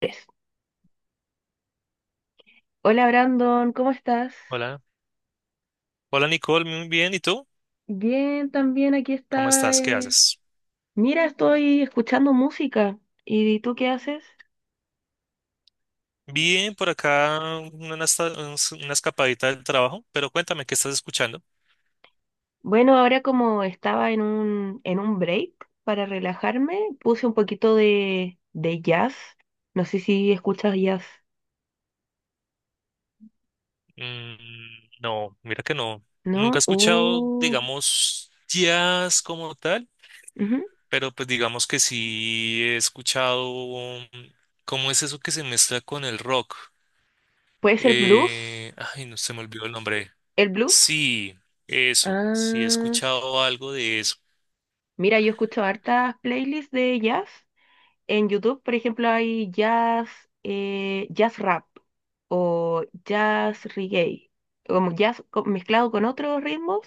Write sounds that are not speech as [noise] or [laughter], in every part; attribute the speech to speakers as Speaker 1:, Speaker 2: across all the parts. Speaker 1: Es. Hola Brandon, ¿cómo estás?
Speaker 2: Hola, hola Nicole, muy bien, ¿y tú?
Speaker 1: Bien, también aquí
Speaker 2: ¿Cómo
Speaker 1: estaba.
Speaker 2: estás? ¿Qué haces?
Speaker 1: Mira, estoy escuchando música. ¿Y tú qué haces?
Speaker 2: Bien, por acá una, una escapadita del trabajo, pero cuéntame, ¿qué estás escuchando?
Speaker 1: Bueno, ahora como estaba en un break para relajarme, puse un poquito de jazz. No sé si escuchas jazz,
Speaker 2: Mm, no, mira que no, nunca he
Speaker 1: ¿no?
Speaker 2: escuchado, digamos, jazz como tal,
Speaker 1: Ujú.
Speaker 2: pero pues digamos que sí he escuchado, ¿cómo es eso que se mezcla con el rock?
Speaker 1: ¿Puede ser blues?
Speaker 2: Ay, no se me olvidó el nombre.
Speaker 1: ¿El blues?
Speaker 2: Sí, eso, sí he
Speaker 1: Ah,
Speaker 2: escuchado algo de eso.
Speaker 1: mira, yo escucho hartas playlists de jazz. En YouTube, por ejemplo, hay jazz, jazz rap o jazz reggae, como mezclado con otros ritmos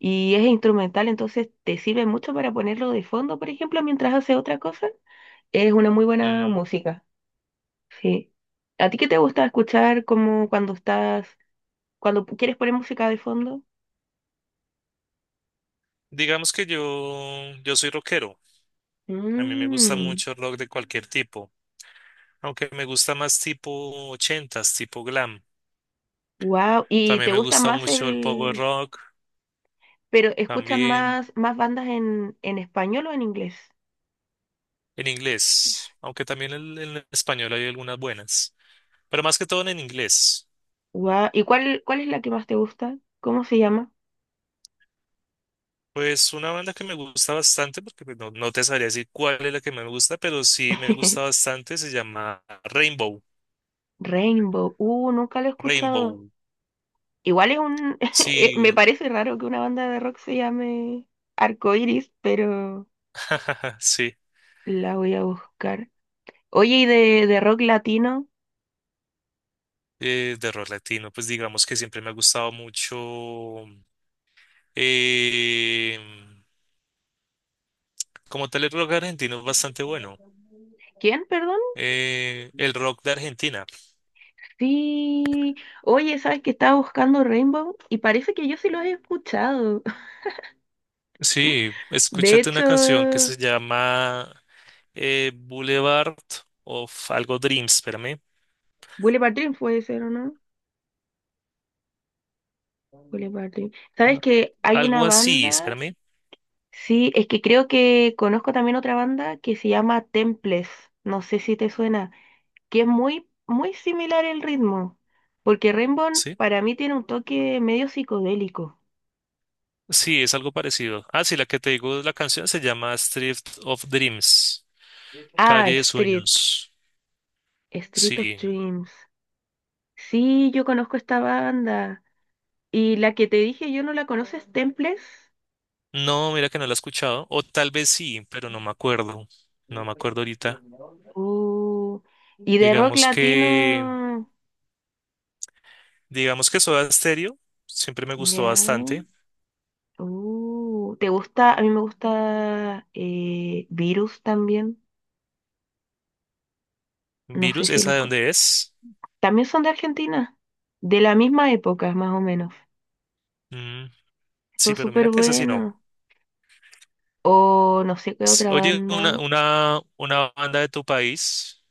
Speaker 1: y es instrumental, entonces te sirve mucho para ponerlo de fondo, por ejemplo, mientras haces otra cosa. Es una muy buena
Speaker 2: Mm.
Speaker 1: música, sí. ¿A ti qué te gusta escuchar como cuando estás, cuando quieres poner música de fondo?
Speaker 2: Digamos que yo soy rockero. A mí me gusta
Speaker 1: Mm,
Speaker 2: mucho el rock de cualquier tipo. Aunque me gusta más tipo ochentas, tipo glam.
Speaker 1: wow. ¿Y
Speaker 2: También
Speaker 1: te
Speaker 2: me
Speaker 1: gusta
Speaker 2: gusta
Speaker 1: más
Speaker 2: mucho el power
Speaker 1: el,
Speaker 2: rock,
Speaker 1: pero escuchas
Speaker 2: también
Speaker 1: más, más bandas en español o en inglés?
Speaker 2: en inglés. Aunque también en español hay algunas buenas. Pero más que todo en inglés.
Speaker 1: Guau, ¿y cuál, cuál es la que más te gusta? ¿Cómo se llama?
Speaker 2: Pues una banda que me gusta bastante, porque pues, no, no te sabría decir cuál es la que más me gusta, pero sí me gusta
Speaker 1: [laughs]
Speaker 2: bastante, se llama Rainbow.
Speaker 1: Rainbow. Nunca lo he escuchado.
Speaker 2: Rainbow.
Speaker 1: Igual es un... [laughs] me
Speaker 2: Sí,
Speaker 1: parece raro que una banda de rock se llame Arcoiris, pero
Speaker 2: [laughs] sí.
Speaker 1: la voy a buscar. Oye, ¿y de rock latino?
Speaker 2: De rock latino, pues digamos que siempre me ha gustado mucho. eh, Como tal, el rock argentino es bastante bueno.
Speaker 1: ¿Quién, perdón?
Speaker 2: El rock de Argentina.
Speaker 1: Sí. Oye, ¿sabes que estaba buscando Rainbow? Y parece que yo sí los he escuchado. [laughs]
Speaker 2: Sí,
Speaker 1: De
Speaker 2: escúchate una canción que
Speaker 1: hecho,
Speaker 2: se llama Boulevard of algo Dreams, espérame.
Speaker 1: Bullet Park Dream puede ser, ¿o no? Bullet Park Dream. ¿Sabes que hay una
Speaker 2: Algo así,
Speaker 1: banda?
Speaker 2: espérame.
Speaker 1: Sí, es que creo que conozco también otra banda que se llama Temples, no sé si te suena, que es muy, muy similar el ritmo, porque Rainbow
Speaker 2: Sí,
Speaker 1: para mí tiene un toque medio psicodélico.
Speaker 2: sí, es algo parecido. Ah, sí, la que te digo, la canción se llama Street of Dreams,
Speaker 1: Ah,
Speaker 2: Calle de
Speaker 1: Street,
Speaker 2: Sueños.
Speaker 1: Street of
Speaker 2: Sí.
Speaker 1: Dreams. Sí, yo conozco esta banda. Y la que te dije yo no la conoces, Temples.
Speaker 2: No, mira que no la he escuchado. O tal vez sí, pero no me acuerdo. No me acuerdo ahorita.
Speaker 1: Uh, y de rock
Speaker 2: Digamos que,
Speaker 1: latino,
Speaker 2: digamos que Soda Stereo siempre me gustó
Speaker 1: ya.
Speaker 2: bastante.
Speaker 1: ¿Te gusta? A mí me gusta Virus también. No sé
Speaker 2: Virus,
Speaker 1: si
Speaker 2: ¿esa
Speaker 1: los...
Speaker 2: de
Speaker 1: con-
Speaker 2: dónde es?
Speaker 1: También son de Argentina, de la misma época, más o menos.
Speaker 2: Mm,
Speaker 1: Esto
Speaker 2: sí,
Speaker 1: es
Speaker 2: pero mira
Speaker 1: súper
Speaker 2: que esa sí no.
Speaker 1: bueno. O no sé qué
Speaker 2: Sí.
Speaker 1: otra
Speaker 2: Oye,
Speaker 1: banda.
Speaker 2: una banda de tu país,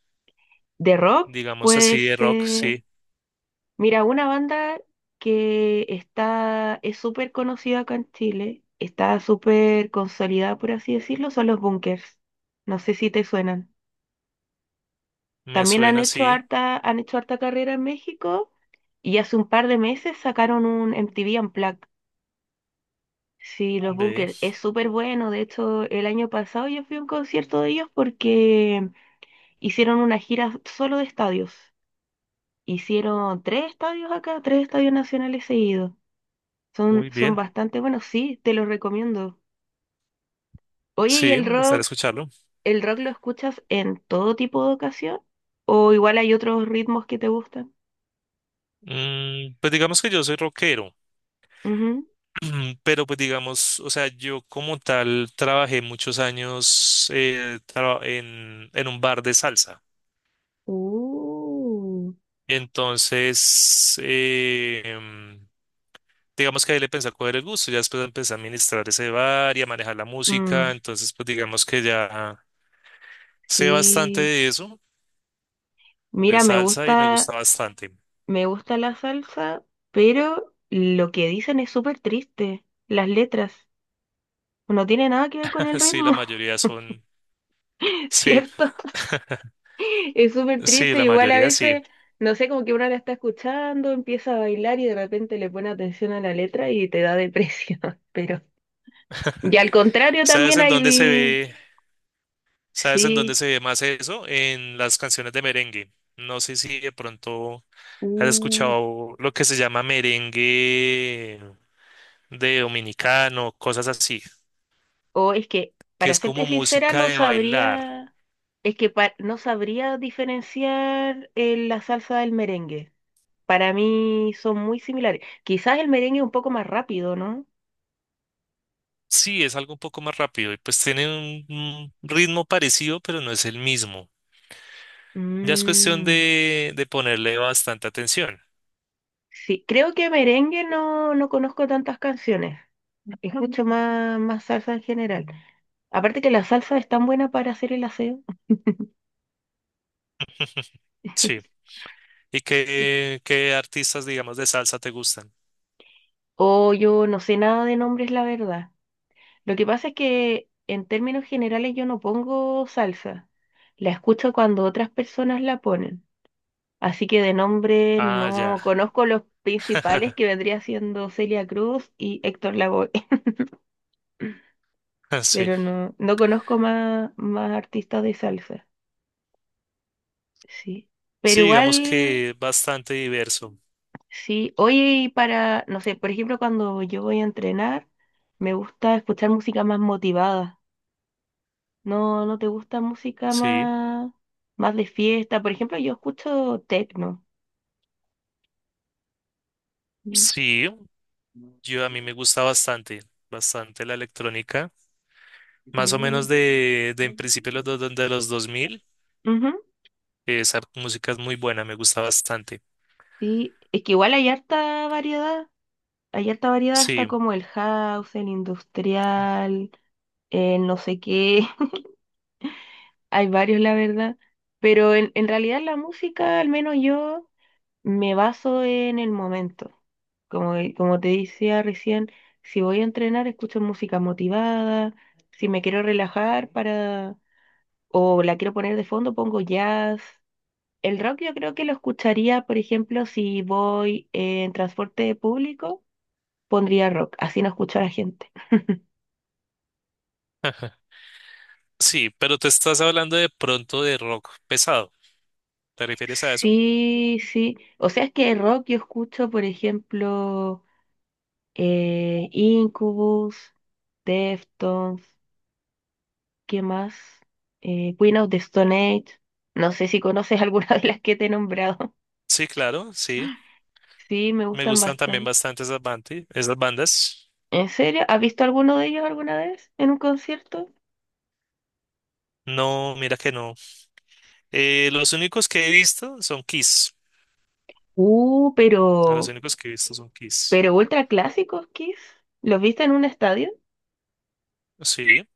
Speaker 1: De rock
Speaker 2: digamos
Speaker 1: puede
Speaker 2: así de rock,
Speaker 1: ser...
Speaker 2: sí,
Speaker 1: Mira, una banda que está, es súper conocida acá en Chile, está súper consolidada, por así decirlo, son los Bunkers. No sé si te suenan.
Speaker 2: me
Speaker 1: También
Speaker 2: suena así.
Speaker 1: han hecho harta carrera en México y hace un par de meses sacaron un MTV Unplugged. Sí, los
Speaker 2: Ve,
Speaker 1: Bunkers es súper bueno. De hecho, el año pasado yo fui a un concierto de ellos porque hicieron una gira solo de estadios. Hicieron tres estadios acá, tres estadios nacionales seguidos. Son,
Speaker 2: muy
Speaker 1: son
Speaker 2: bien.
Speaker 1: bastante buenos, sí, te los recomiendo. Oye, ¿y
Speaker 2: Sí,
Speaker 1: el
Speaker 2: me gustaría
Speaker 1: rock?
Speaker 2: escucharlo.
Speaker 1: ¿El rock lo escuchas en todo tipo de ocasión? ¿O igual hay otros ritmos que te gustan?
Speaker 2: Mm, pues digamos que yo soy rockero.
Speaker 1: Ujú.
Speaker 2: Mm. Pero pues digamos, o sea, yo como tal trabajé muchos años en un bar de salsa.
Speaker 1: Uh,
Speaker 2: Entonces, digamos que ahí le pensé a coger el gusto, ya después empecé a administrar ese bar y a manejar la música,
Speaker 1: mm,
Speaker 2: entonces pues digamos que ya sé bastante
Speaker 1: sí.
Speaker 2: de eso, de
Speaker 1: Mira, me
Speaker 2: salsa y me
Speaker 1: gusta.
Speaker 2: gusta bastante.
Speaker 1: Me gusta la salsa, pero lo que dicen es súper triste. Las letras no tiene nada que ver con
Speaker 2: [laughs]
Speaker 1: el
Speaker 2: Sí, la
Speaker 1: ritmo,
Speaker 2: mayoría son,
Speaker 1: [laughs]
Speaker 2: sí,
Speaker 1: ¿cierto?
Speaker 2: [laughs]
Speaker 1: Es súper
Speaker 2: sí,
Speaker 1: triste.
Speaker 2: la
Speaker 1: Igual a
Speaker 2: mayoría sí.
Speaker 1: veces, no sé, como que uno la está escuchando, empieza a bailar y de repente le pone atención a la letra y te da depresión. [laughs] Pero, y al contrario
Speaker 2: ¿Sabes
Speaker 1: también
Speaker 2: en dónde se
Speaker 1: hay...
Speaker 2: ve? ¿Sabes en dónde
Speaker 1: Sí.
Speaker 2: se ve más eso? En las canciones de merengue. No sé si de pronto has
Speaker 1: uh,
Speaker 2: escuchado lo que se llama merengue de dominicano, cosas así,
Speaker 1: o es que,
Speaker 2: que
Speaker 1: para
Speaker 2: es
Speaker 1: serte
Speaker 2: como
Speaker 1: sincera,
Speaker 2: música
Speaker 1: no
Speaker 2: de bailar.
Speaker 1: sabría... Es que no sabría diferenciar la salsa del merengue. Para mí son muy similares. Quizás el merengue es un poco más rápido, ¿no?
Speaker 2: Sí, es algo un poco más rápido y pues tiene un ritmo parecido, pero no es el mismo. Ya es cuestión
Speaker 1: Mm,
Speaker 2: de ponerle bastante atención.
Speaker 1: sí, creo que merengue no, no conozco tantas canciones. Escucho más, más salsa en general. Aparte que la salsa es tan buena para hacer el aseo.
Speaker 2: Sí.
Speaker 1: [laughs]
Speaker 2: ¿Y qué, qué artistas, digamos, de salsa te gustan?
Speaker 1: O yo no sé nada de nombres, la verdad. Lo que pasa es que en términos generales yo no pongo salsa. La escucho cuando otras personas la ponen. Así que de nombre
Speaker 2: Ah, ya.
Speaker 1: no conozco los principales que
Speaker 2: [laughs]
Speaker 1: vendría siendo Celia Cruz y Héctor Lavoe, [laughs]
Speaker 2: Sí.
Speaker 1: pero no, no conozco más, más artistas de salsa, sí. Pero
Speaker 2: Sí, digamos
Speaker 1: igual,
Speaker 2: que bastante diverso.
Speaker 1: sí, oye, y para, no sé, por ejemplo, cuando yo voy a entrenar, me gusta escuchar música más motivada. No, no te gusta música
Speaker 2: Sí,
Speaker 1: más, más de fiesta. Por ejemplo, yo escucho techno. Mm.
Speaker 2: sí, yo a mí me gusta bastante, bastante la electrónica, más o menos
Speaker 1: Mm.
Speaker 2: de en principio los dos de los 2000,
Speaker 1: Ujú.
Speaker 2: esa música es muy buena, me gusta bastante.
Speaker 1: Sí, es que igual hay harta variedad. Hay alta variedad,
Speaker 2: Sí,
Speaker 1: está como el house, el industrial, el no sé qué. [laughs] Hay varios, la verdad. Pero en realidad la música, al menos yo, me baso en el momento. Como, como te decía recién, si voy a entrenar, escucho música motivada. Si me quiero relajar para, o la quiero poner de fondo, pongo jazz. El rock yo creo que lo escucharía, por ejemplo, si voy en transporte público, pondría rock, así no escucho a la gente.
Speaker 2: sí, pero te estás hablando de pronto de rock pesado, ¿te refieres a eso?
Speaker 1: Sí, sí. O sea, es que rock yo escucho, por ejemplo, Incubus, Deftones, ¿qué más? Queen of the Stone Age. No sé si conoces alguna [laughs] de las que te he nombrado.
Speaker 2: Sí, claro, sí,
Speaker 1: Sí, me
Speaker 2: me
Speaker 1: gustan
Speaker 2: gustan también
Speaker 1: bastante.
Speaker 2: bastante esas bandas, esas bandas.
Speaker 1: ¿En serio? ¿Has visto alguno de ellos alguna vez en un concierto?
Speaker 2: No, mira que no. Los únicos que he visto son Kiss,
Speaker 1: Uh,
Speaker 2: a los
Speaker 1: pero,
Speaker 2: únicos que he visto son Kiss.
Speaker 1: pero ultra clásicos, Kiss. ¿Los viste en un estadio?
Speaker 2: Sí.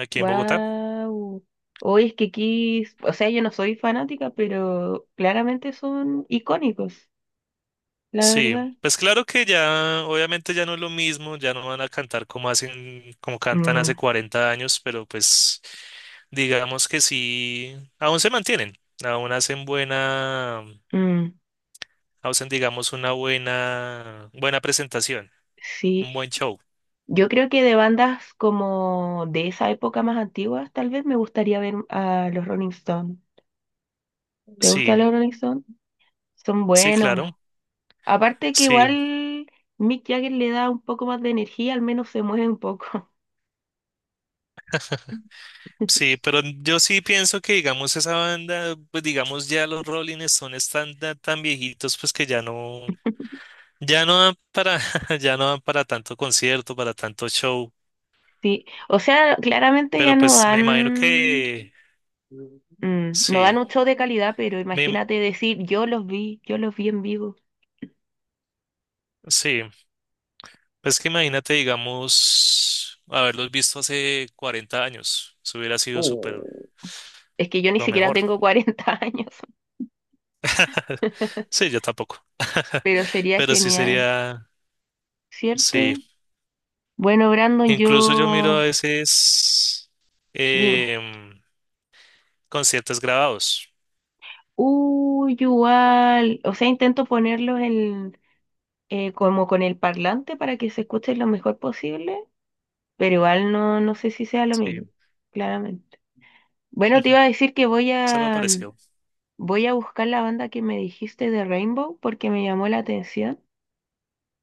Speaker 2: Aquí en Bogotá.
Speaker 1: Wow. Hoy es que aquí, o sea, yo no soy fanática, pero claramente son icónicos, la
Speaker 2: Sí,
Speaker 1: verdad.
Speaker 2: pues claro que ya, obviamente ya no es lo mismo, ya no van a cantar como hacen, como cantan hace
Speaker 1: Mm,
Speaker 2: 40 años, pero pues digamos que sí, aún se mantienen, aún hacen buena,
Speaker 1: mm,
Speaker 2: hacen digamos una buena, buena presentación,
Speaker 1: sí,
Speaker 2: un buen show.
Speaker 1: yo creo que de bandas como de esa época más antiguas, tal vez me gustaría ver a los Rolling Stones. ¿Te
Speaker 2: Sí,
Speaker 1: gustan los Rolling Stones? Son
Speaker 2: sí,
Speaker 1: buenos.
Speaker 2: claro.
Speaker 1: Aparte que
Speaker 2: Sí,
Speaker 1: igual Mick Jagger le da un poco más de energía, al menos se mueve un poco.
Speaker 2: sí,
Speaker 1: [laughs]
Speaker 2: pero yo sí pienso que digamos esa banda, pues digamos ya los Rolling Stones están tan, tan viejitos, pues que ya no. Ya no dan para, [laughs] ya no dan para tanto concierto, para tanto show,
Speaker 1: Sí, o sea, claramente ya
Speaker 2: pero
Speaker 1: no
Speaker 2: pues me imagino
Speaker 1: dan.
Speaker 2: que
Speaker 1: Mm, no
Speaker 2: sí,
Speaker 1: dan un show de calidad, pero
Speaker 2: me,
Speaker 1: imagínate decir, yo los vi en vivo.
Speaker 2: sí, pues que imagínate, digamos, haberlos visto hace 40 años, eso hubiera sido súper
Speaker 1: Oh, es que yo ni
Speaker 2: lo
Speaker 1: siquiera
Speaker 2: mejor.
Speaker 1: tengo 40 años,
Speaker 2: [laughs]
Speaker 1: [laughs]
Speaker 2: Sí, yo tampoco, [laughs]
Speaker 1: pero sería
Speaker 2: pero sí
Speaker 1: genial,
Speaker 2: sería, sí,
Speaker 1: ¿cierto? Bueno, Brandon,
Speaker 2: incluso yo miro a
Speaker 1: yo...
Speaker 2: veces
Speaker 1: Dime.
Speaker 2: em, conciertos grabados,
Speaker 1: Uy, igual. O sea, intento ponerlos en, como con el parlante para que se escuche lo mejor posible, pero igual no, no sé si sea lo mismo,
Speaker 2: sí,
Speaker 1: claramente. Bueno, te
Speaker 2: [laughs]
Speaker 1: iba a decir que voy
Speaker 2: es algo
Speaker 1: a...
Speaker 2: parecido.
Speaker 1: Voy a buscar la banda que me dijiste de Rainbow porque me llamó la atención,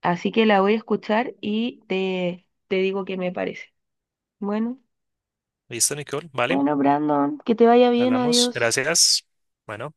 Speaker 1: así que la voy a escuchar y te digo qué me parece. Bueno,
Speaker 2: ¿Listo, Nicole? ¿Vale?
Speaker 1: bueno, Brandon, que te vaya bien,
Speaker 2: Hablamos.
Speaker 1: adiós.
Speaker 2: Gracias. Bueno.